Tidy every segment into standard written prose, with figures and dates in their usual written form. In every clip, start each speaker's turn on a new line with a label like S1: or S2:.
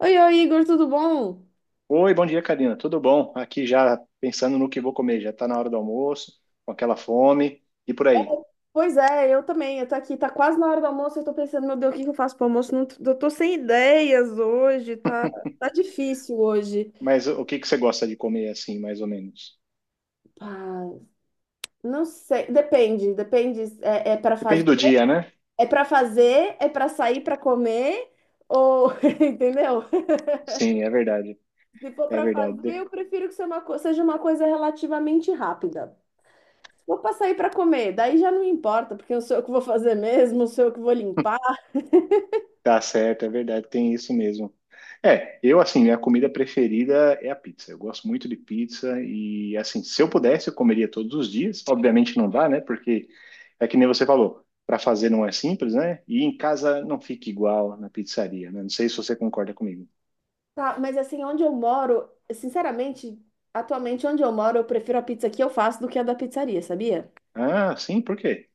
S1: Oi, oi, Igor, tudo bom?
S2: Oi, bom dia, Karina. Tudo bom? Aqui já pensando no que vou comer. Já está na hora do almoço, com aquela fome e por aí.
S1: Pois é, eu também. Eu tô aqui, tá quase na hora do almoço. Eu tô pensando, meu Deus, o que que eu faço pro almoço? Não, eu tô sem ideias hoje, tá, tá difícil hoje.
S2: Mas o que que você gosta de comer assim, mais ou menos?
S1: Ah, não sei, depende. É para fazer,
S2: Depende do dia, né?
S1: é para fazer, é para sair para comer, ou entendeu?
S2: Sim, é verdade.
S1: Se for
S2: É
S1: para fazer,
S2: verdade.
S1: eu prefiro que seja seja uma coisa relativamente rápida. Vou para sair para comer, daí já não importa, porque eu sou eu que vou fazer mesmo, sou eu que vou limpar.
S2: Tá certo, é verdade, tem isso mesmo. É, eu assim, minha comida preferida é a pizza. Eu gosto muito de pizza e assim, se eu pudesse, eu comeria todos os dias. Obviamente não dá, né? Porque é que nem você falou, para fazer não é simples, né? E em casa não fica igual na pizzaria, né? Não sei se você concorda comigo.
S1: Tá, mas assim, onde eu moro, sinceramente, atualmente onde eu moro, eu prefiro a pizza que eu faço do que a da pizzaria, sabia?
S2: Ah, sim, por quê?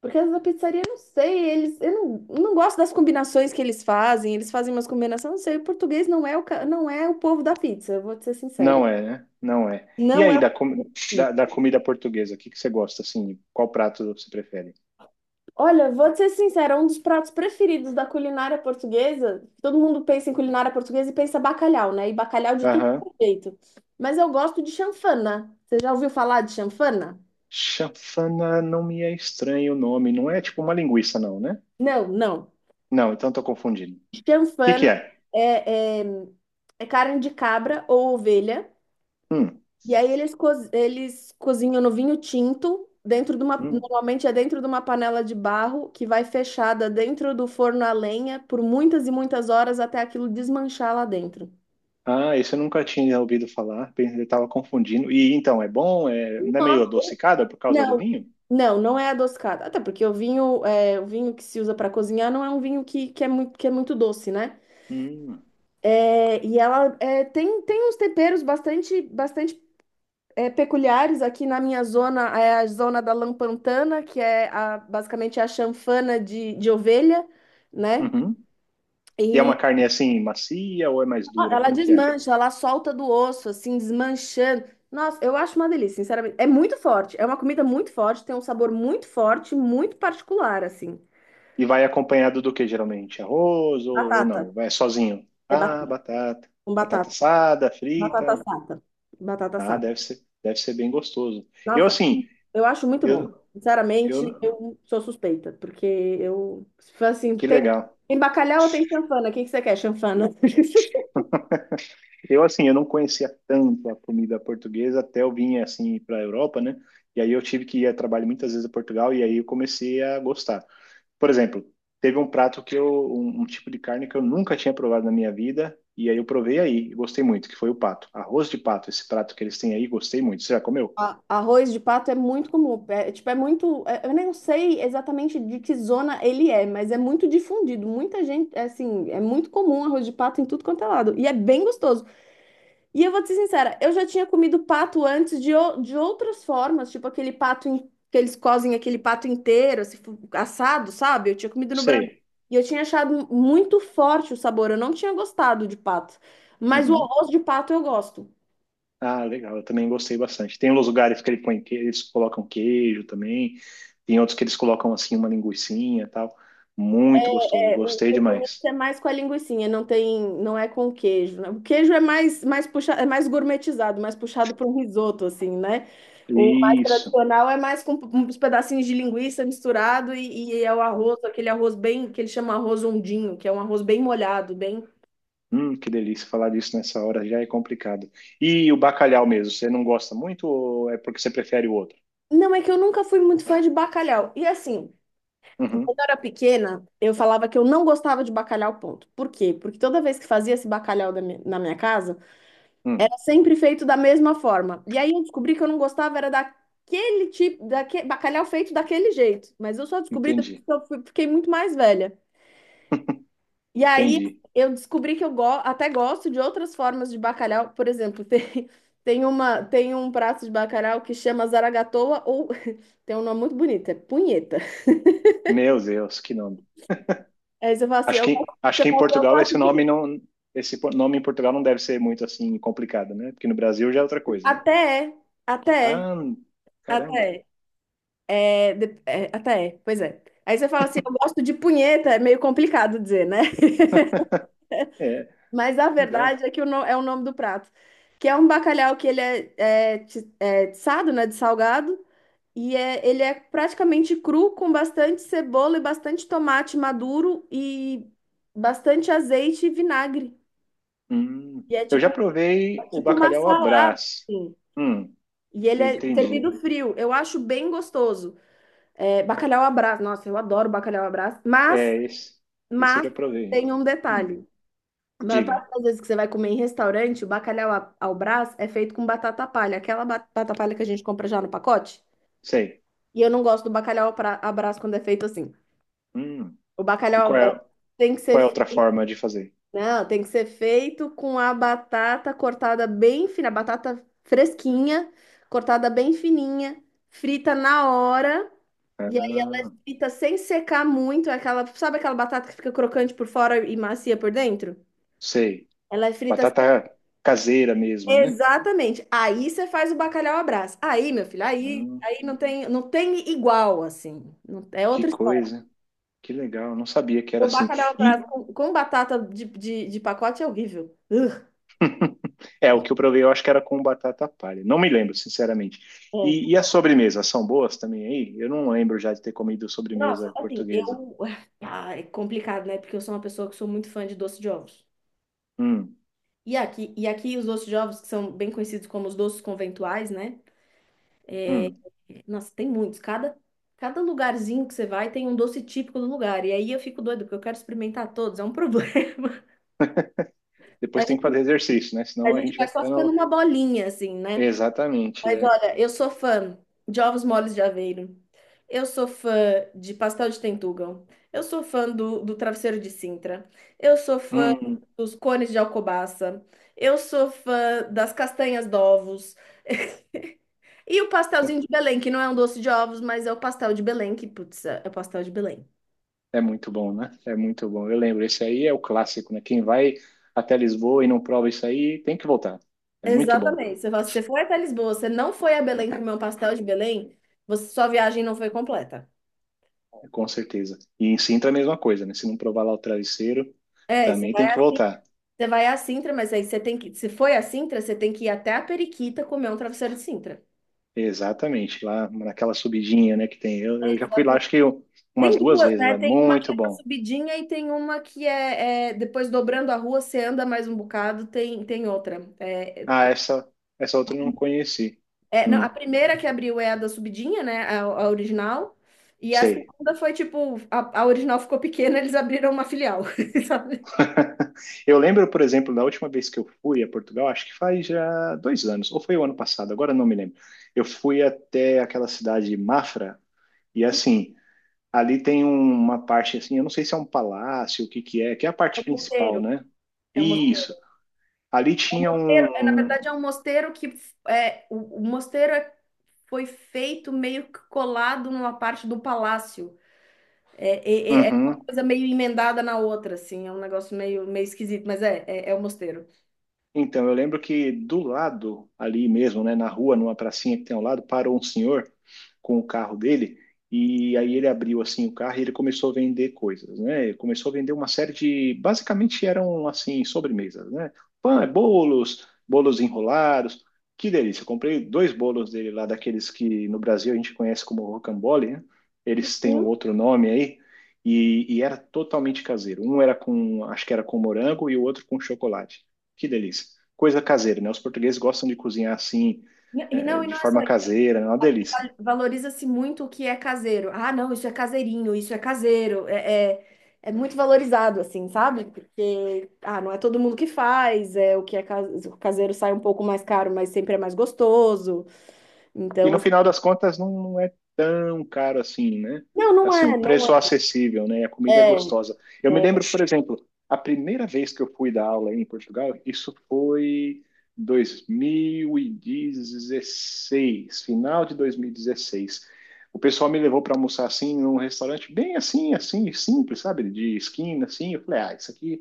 S1: Porque as da pizzaria, eu não sei, eles, eu não gosto das combinações que eles fazem umas combinações, não sei, o português não é não é o povo da pizza, eu vou te ser sincera.
S2: Não é, né? Não é. E
S1: Não é
S2: aí,
S1: o povo.
S2: da comida portuguesa, o que que você gosta assim? Qual prato você prefere?
S1: Olha, vou te ser sincera, um dos pratos preferidos da culinária portuguesa, todo mundo pensa em culinária portuguesa e pensa bacalhau, né? E bacalhau de tudo que é jeito. Mas eu gosto de chanfana. Você já ouviu falar de chanfana?
S2: Chafana não me é estranho o nome. Não é tipo uma linguiça, não, né?
S1: Não, não.
S2: Não, então tô confundindo. O que que
S1: Chanfana
S2: é?
S1: é, é carne de cabra ou ovelha.
S2: Hum,
S1: E aí eles cozinham no vinho tinto, dentro de uma,
S2: hum.
S1: normalmente é dentro de uma panela de barro que vai fechada dentro do forno a lenha por muitas e muitas horas até aquilo desmanchar lá dentro.
S2: Ah, esse eu nunca tinha ouvido falar. Eu tava confundindo. E então, é bom? É, não é
S1: Nossa.
S2: meio adocicada por causa do
S1: Não,
S2: vinho?
S1: não, não é adocicada. Até porque o vinho, é, o vinho que se usa para cozinhar não é um vinho é muito, que é muito doce, né?
S2: Hum,
S1: É, e ela é, tem, tem uns temperos bastante, bastante é, peculiares aqui na minha zona é a zona da Lampantana, que é basicamente a chanfana de ovelha, né?
S2: uhum. E é
S1: E
S2: uma carne assim, macia ou é mais
S1: ó,
S2: dura?
S1: ela
S2: Como que é?
S1: desmancha, ela solta do osso, assim, desmanchando. Nossa, eu acho uma delícia, sinceramente. É muito forte, é uma comida muito forte, tem um sabor muito forte, muito particular, assim.
S2: E vai acompanhado do que geralmente? Arroz ou
S1: Batata,
S2: não? Vai sozinho?
S1: é
S2: Ah,
S1: batata,
S2: batata.
S1: com
S2: Batata
S1: batata,
S2: assada,
S1: batata
S2: frita.
S1: assada. Batata
S2: Ah,
S1: assada.
S2: deve ser bem gostoso. Eu
S1: Nossa,
S2: assim,
S1: eu acho muito bom.
S2: eu,
S1: Sinceramente,
S2: eu
S1: eu sou suspeita, porque eu, se for assim,
S2: Que
S1: tem,
S2: legal.
S1: tem bacalhau ou tem chanfana? O que que você quer, chanfana?
S2: Eu, assim, eu não conhecia tanto a comida portuguesa até eu vim, assim, para a Europa, né? E aí eu tive que ir a trabalho muitas vezes a Portugal e aí eu comecei a gostar. Por exemplo, teve um prato que eu, um tipo de carne que eu nunca tinha provado na minha vida e aí eu provei aí e gostei muito, que foi o pato. Arroz de pato, esse prato que eles têm aí, gostei muito. Você já comeu?
S1: Arroz de pato é muito comum. É muito. Eu nem sei exatamente de que zona ele é, mas é muito difundido. Muita gente, é, assim, é muito comum arroz de pato em tudo quanto é lado. E é bem gostoso. E eu vou te ser sincera, eu já tinha comido pato de outras formas, tipo aquele que eles cozem aquele pato inteiro, assim, assado, sabe? Eu tinha comido no Brasil.
S2: Sei.
S1: E eu tinha achado muito forte o sabor, eu não tinha gostado de pato. Mas o
S2: Uhum.
S1: arroz de pato eu gosto.
S2: Ah, legal, eu também gostei bastante. Tem uns lugares que eles colocam queijo também, tem outros que eles colocam assim uma linguicinha e tal. Muito gostoso,
S1: É, o
S2: gostei
S1: componente
S2: demais.
S1: é mais com a linguicinha, não tem, não é com queijo, né? O queijo é mais, mais puxa, é mais gourmetizado, mais puxado para um risoto, assim, né? O mais
S2: Isso.
S1: tradicional é mais com uns pedacinhos de linguiça misturado e é o arroz, aquele arroz bem, que ele chama arroz ondinho, que é um arroz bem molhado, bem…
S2: Que delícia falar disso nessa hora já é complicado. E o bacalhau mesmo, você não gosta muito ou é porque você prefere o outro?
S1: Não, é que eu nunca fui muito fã de bacalhau. E assim,
S2: Uhum,
S1: quando eu era pequena, eu falava que eu não gostava de bacalhau, ponto. Por quê? Porque toda vez que fazia esse bacalhau da mi- na minha casa,
S2: hum,
S1: sempre feito da mesma forma. E aí eu descobri que eu não gostava era daquele tipo, daquele bacalhau feito daquele jeito. Mas eu só descobri depois
S2: entendi,
S1: que fiquei muito mais velha. E aí
S2: entendi.
S1: eu descobri que eu go até gosto de outras formas de bacalhau. Por exemplo, tem, tem uma, tem um prato de bacalhau que chama zaragatoa ou tem um nome muito bonito, é punheta.
S2: Meu Deus, que nome.
S1: Aí você fala assim, eu gosto,
S2: Acho
S1: você
S2: que em
S1: fala assim, eu
S2: Portugal esse
S1: gosto de…
S2: nome não, nome em Portugal não deve ser muito assim complicado, né? Porque no Brasil já é outra coisa, né?
S1: Até é, até é,
S2: Ah, caramba.
S1: até é. É, até é, pois é. Aí você fala assim, eu gosto de punheta, é meio complicado dizer, né?
S2: É,
S1: Mas a
S2: legal.
S1: verdade é que o no- é o nome do prato, que é um bacalhau que ele é, é tiçado, né, de salgado, ele é praticamente cru, com bastante cebola e bastante tomate maduro e bastante azeite e vinagre.
S2: Hum.
S1: E é
S2: Eu já
S1: tipo,
S2: provei o
S1: tipo uma
S2: bacalhau à
S1: salada,
S2: Brás.
S1: assim.
S2: Hum,
S1: E ele
S2: eu
S1: é
S2: entendi.
S1: servido frio. Eu acho bem gostoso. É, bacalhau à Brás. Nossa, eu adoro bacalhau à Brás. Mas
S2: É, esse eu
S1: Mas
S2: já provei.
S1: tem um
S2: Hum,
S1: detalhe. A maior
S2: diga.
S1: parte das vezes que você vai comer em restaurante, o ao Brás é feito com batata palha, aquela batata palha que a gente compra já no pacote.
S2: Sei.
S1: E eu não gosto do bacalhau à Brás quando é feito assim.
S2: Hum.
S1: O
S2: E
S1: bacalhau ao Brás tem que ser,
S2: qual é a outra
S1: fe-
S2: forma de fazer?
S1: não, tem que ser feito com a batata cortada bem fina, a batata fresquinha, cortada bem fininha, frita na hora. E aí
S2: Ah,
S1: frita sem secar muito, é aquela, sabe aquela batata que fica crocante por fora e macia por dentro?
S2: sei.
S1: Ela é frita.
S2: Batata caseira mesmo, né?
S1: Exatamente. Aí você faz o bacalhau à Brás. Aí, meu filho, aí
S2: Ah,
S1: não tem, não tem igual, assim. É
S2: que
S1: outra história.
S2: coisa. Que legal. Não sabia que era
S1: O
S2: assim.
S1: bacalhau à Brás
S2: E
S1: com batata de pacote é horrível. Ugh.
S2: é, o que eu provei, eu acho que era com batata palha. Não me lembro, sinceramente. E
S1: É.
S2: as sobremesas são boas também aí? Eu não lembro já de ter comido
S1: Nossa,
S2: sobremesa
S1: assim,
S2: portuguesa.
S1: eu. Ah, é complicado, né? Porque eu sou uma pessoa que sou muito fã de doce de ovos.
S2: Hum,
S1: E aqui os doces de ovos, que são bem conhecidos como os doces conventuais, né?
S2: hum.
S1: Nossa, tem muitos. Cada lugarzinho que você vai tem um doce típico do lugar. E aí eu fico doida, porque eu quero experimentar todos. É um problema. A
S2: Depois tem que fazer
S1: gente
S2: exercício, né?
S1: A
S2: Senão a
S1: gente
S2: gente
S1: vai
S2: vai
S1: só ficando
S2: ficando.
S1: uma bolinha, assim, né?
S2: Exatamente,
S1: Mas
S2: é.
S1: olha, eu sou fã de ovos moles de Aveiro. Eu sou fã de pastel de Tentugal. Eu sou fã do travesseiro de Sintra. Eu sou fã
S2: Hum,
S1: dos cones de Alcobaça. Eu sou fã das castanhas de ovos. E o pastelzinho de Belém, que não é um doce de ovos, mas é o pastel de Belém, que, putz, é o pastel de Belém.
S2: é muito bom, né? É muito bom. Eu lembro, esse aí é o clássico, né? Quem vai até Lisboa e não prova isso aí, tem que voltar. É muito bom,
S1: Exatamente. Você fala, se você foi até Lisboa, você não foi a Belém comer um pastel de Belém, você, sua viagem não foi completa.
S2: com certeza. E em Sintra é a mesma coisa, né? Se não provar lá o travesseiro,
S1: É, isso.
S2: também tem que voltar.
S1: Você vai à Sintra, mas aí você tem que. Se foi à Sintra, você tem que ir até a Periquita comer um travesseiro de Sintra.
S2: Exatamente, lá naquela subidinha, né, que tem. Eu já fui lá, acho que eu- umas
S1: Tem
S2: duas
S1: duas,
S2: vezes,
S1: né?
S2: lá.
S1: Tem uma que
S2: Muito
S1: é na
S2: bom.
S1: subidinha e tem uma que é, é, depois dobrando a rua, você anda mais um bocado, tem, tem outra.
S2: Ah, essa outra eu não conheci.
S1: Não, a
S2: Hum,
S1: primeira que abriu é a da subidinha, né? A original. E a
S2: sei.
S1: segunda foi tipo, a original ficou pequena, eles abriram uma filial, sabe?
S2: Eu lembro, por exemplo, da última vez que eu fui a Portugal, acho que faz já dois anos, ou foi o ano passado, agora eu não me lembro. Eu fui até aquela cidade de Mafra, e assim, ali tem um, uma parte assim, eu não sei se é um palácio, o que que é a
S1: É
S2: parte
S1: um
S2: principal,
S1: mosteiro.
S2: né?
S1: É um mosteiro.
S2: Isso. Ali tinha
S1: É, na
S2: um.
S1: verdade, é um mosteiro o mosteiro foi feito meio que colado numa parte do palácio. É, é uma
S2: Uhum.
S1: coisa meio emendada na outra, assim, é um negócio meio, meio esquisito, mas é o mosteiro.
S2: Então, eu lembro que do lado, ali mesmo, né, na rua, numa pracinha que tem ao lado, parou um senhor com o carro dele. E aí ele abriu assim o carro e ele começou a vender coisas, né? Ele começou a vender uma série de, basicamente eram assim sobremesas, né? Pão, é bolos, bolos enrolados. Que delícia! Eu comprei dois bolos dele lá daqueles que no Brasil a gente conhece como rocambole, né? Eles têm um
S1: Sim.
S2: outro nome aí e era totalmente caseiro. Um era com, acho que era com morango e o outro com chocolate. Que delícia! Coisa caseira, né? Os portugueses gostam de cozinhar assim, eh,
S1: E
S2: de
S1: não é só
S2: forma
S1: isso.
S2: caseira, é uma delícia.
S1: Valoriza-se muito o que é caseiro. Ah, não, isso é caseirinho, isso é caseiro. É muito valorizado, assim, sabe? Porque, ah, não é todo mundo que faz, é o que é caseiro o caseiro sai um pouco mais caro, mas sempre é mais gostoso.
S2: E
S1: Então,
S2: no
S1: assim,
S2: final das contas não, não é tão caro assim, né?
S1: não,
S2: Assim, o
S1: não
S2: preço é acessível, né? A comida é
S1: é. É.
S2: gostosa. Eu me lembro, por exemplo, a primeira vez que eu fui dar aula em Portugal, isso foi 2016, final de 2016. O pessoal me levou para almoçar assim num restaurante bem assim, assim, simples, sabe? De esquina assim. Eu falei: "Ah, isso aqui,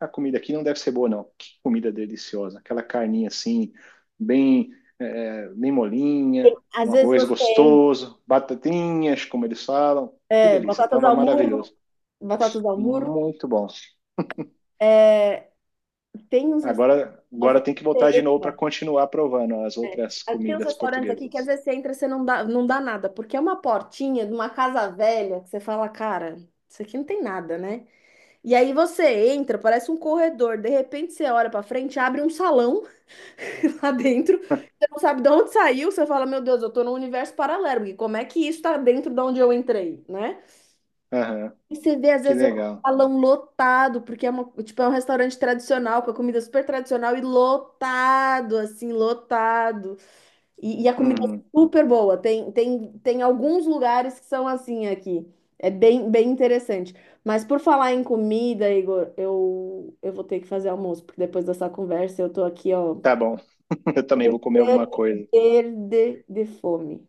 S2: a comida aqui não deve ser boa não. Que comida deliciosa, aquela carninha assim, bem bem molinha,
S1: Às
S2: um
S1: vezes
S2: arroz
S1: você tem
S2: gostoso, batatinhas, como eles falam. Que
S1: é,
S2: delícia,
S1: batatas
S2: tava
S1: ao molho.
S2: maravilhoso.
S1: Batatas ao murro,
S2: Muito bom.
S1: tem uns restaurantes,
S2: Agora,
S1: às
S2: agora
S1: vezes
S2: tem que voltar
S1: você
S2: de novo para
S1: entra.
S2: continuar provando as outras
S1: Ah, tem uns
S2: comidas
S1: restaurantes aqui que às
S2: portuguesas.
S1: vezes você entra e você não dá nada, porque é uma portinha de uma casa velha que você fala, cara, isso aqui não tem nada, né? E aí você entra, parece um corredor, de repente você olha pra frente, abre um salão lá dentro, você não sabe de onde saiu, você fala, meu Deus, eu tô num universo paralelo, porque como é que isso tá dentro de onde eu entrei, né?
S2: Aham,
S1: E você vê, às
S2: que
S1: vezes, o
S2: legal.
S1: salão lotado, porque é, uma, tipo, é um restaurante tradicional, com a comida super tradicional e lotado, assim, lotado. E a comida é
S2: Uhum,
S1: super boa. Tem alguns lugares que são assim aqui. É bem, bem interessante. Mas por falar em comida, Igor, eu vou ter que fazer almoço, porque depois dessa conversa eu tô aqui, ó,
S2: tá bom. Eu também vou comer alguma coisa.
S1: verde de fome.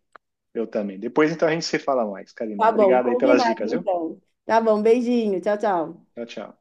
S2: Eu também. Depois então a gente se fala mais, Karina.
S1: Tá bom,
S2: Obrigado aí pelas
S1: combinado
S2: dicas, viu?
S1: então. Tá bom, beijinho. Tchau, tchau.
S2: Tchau, tchau.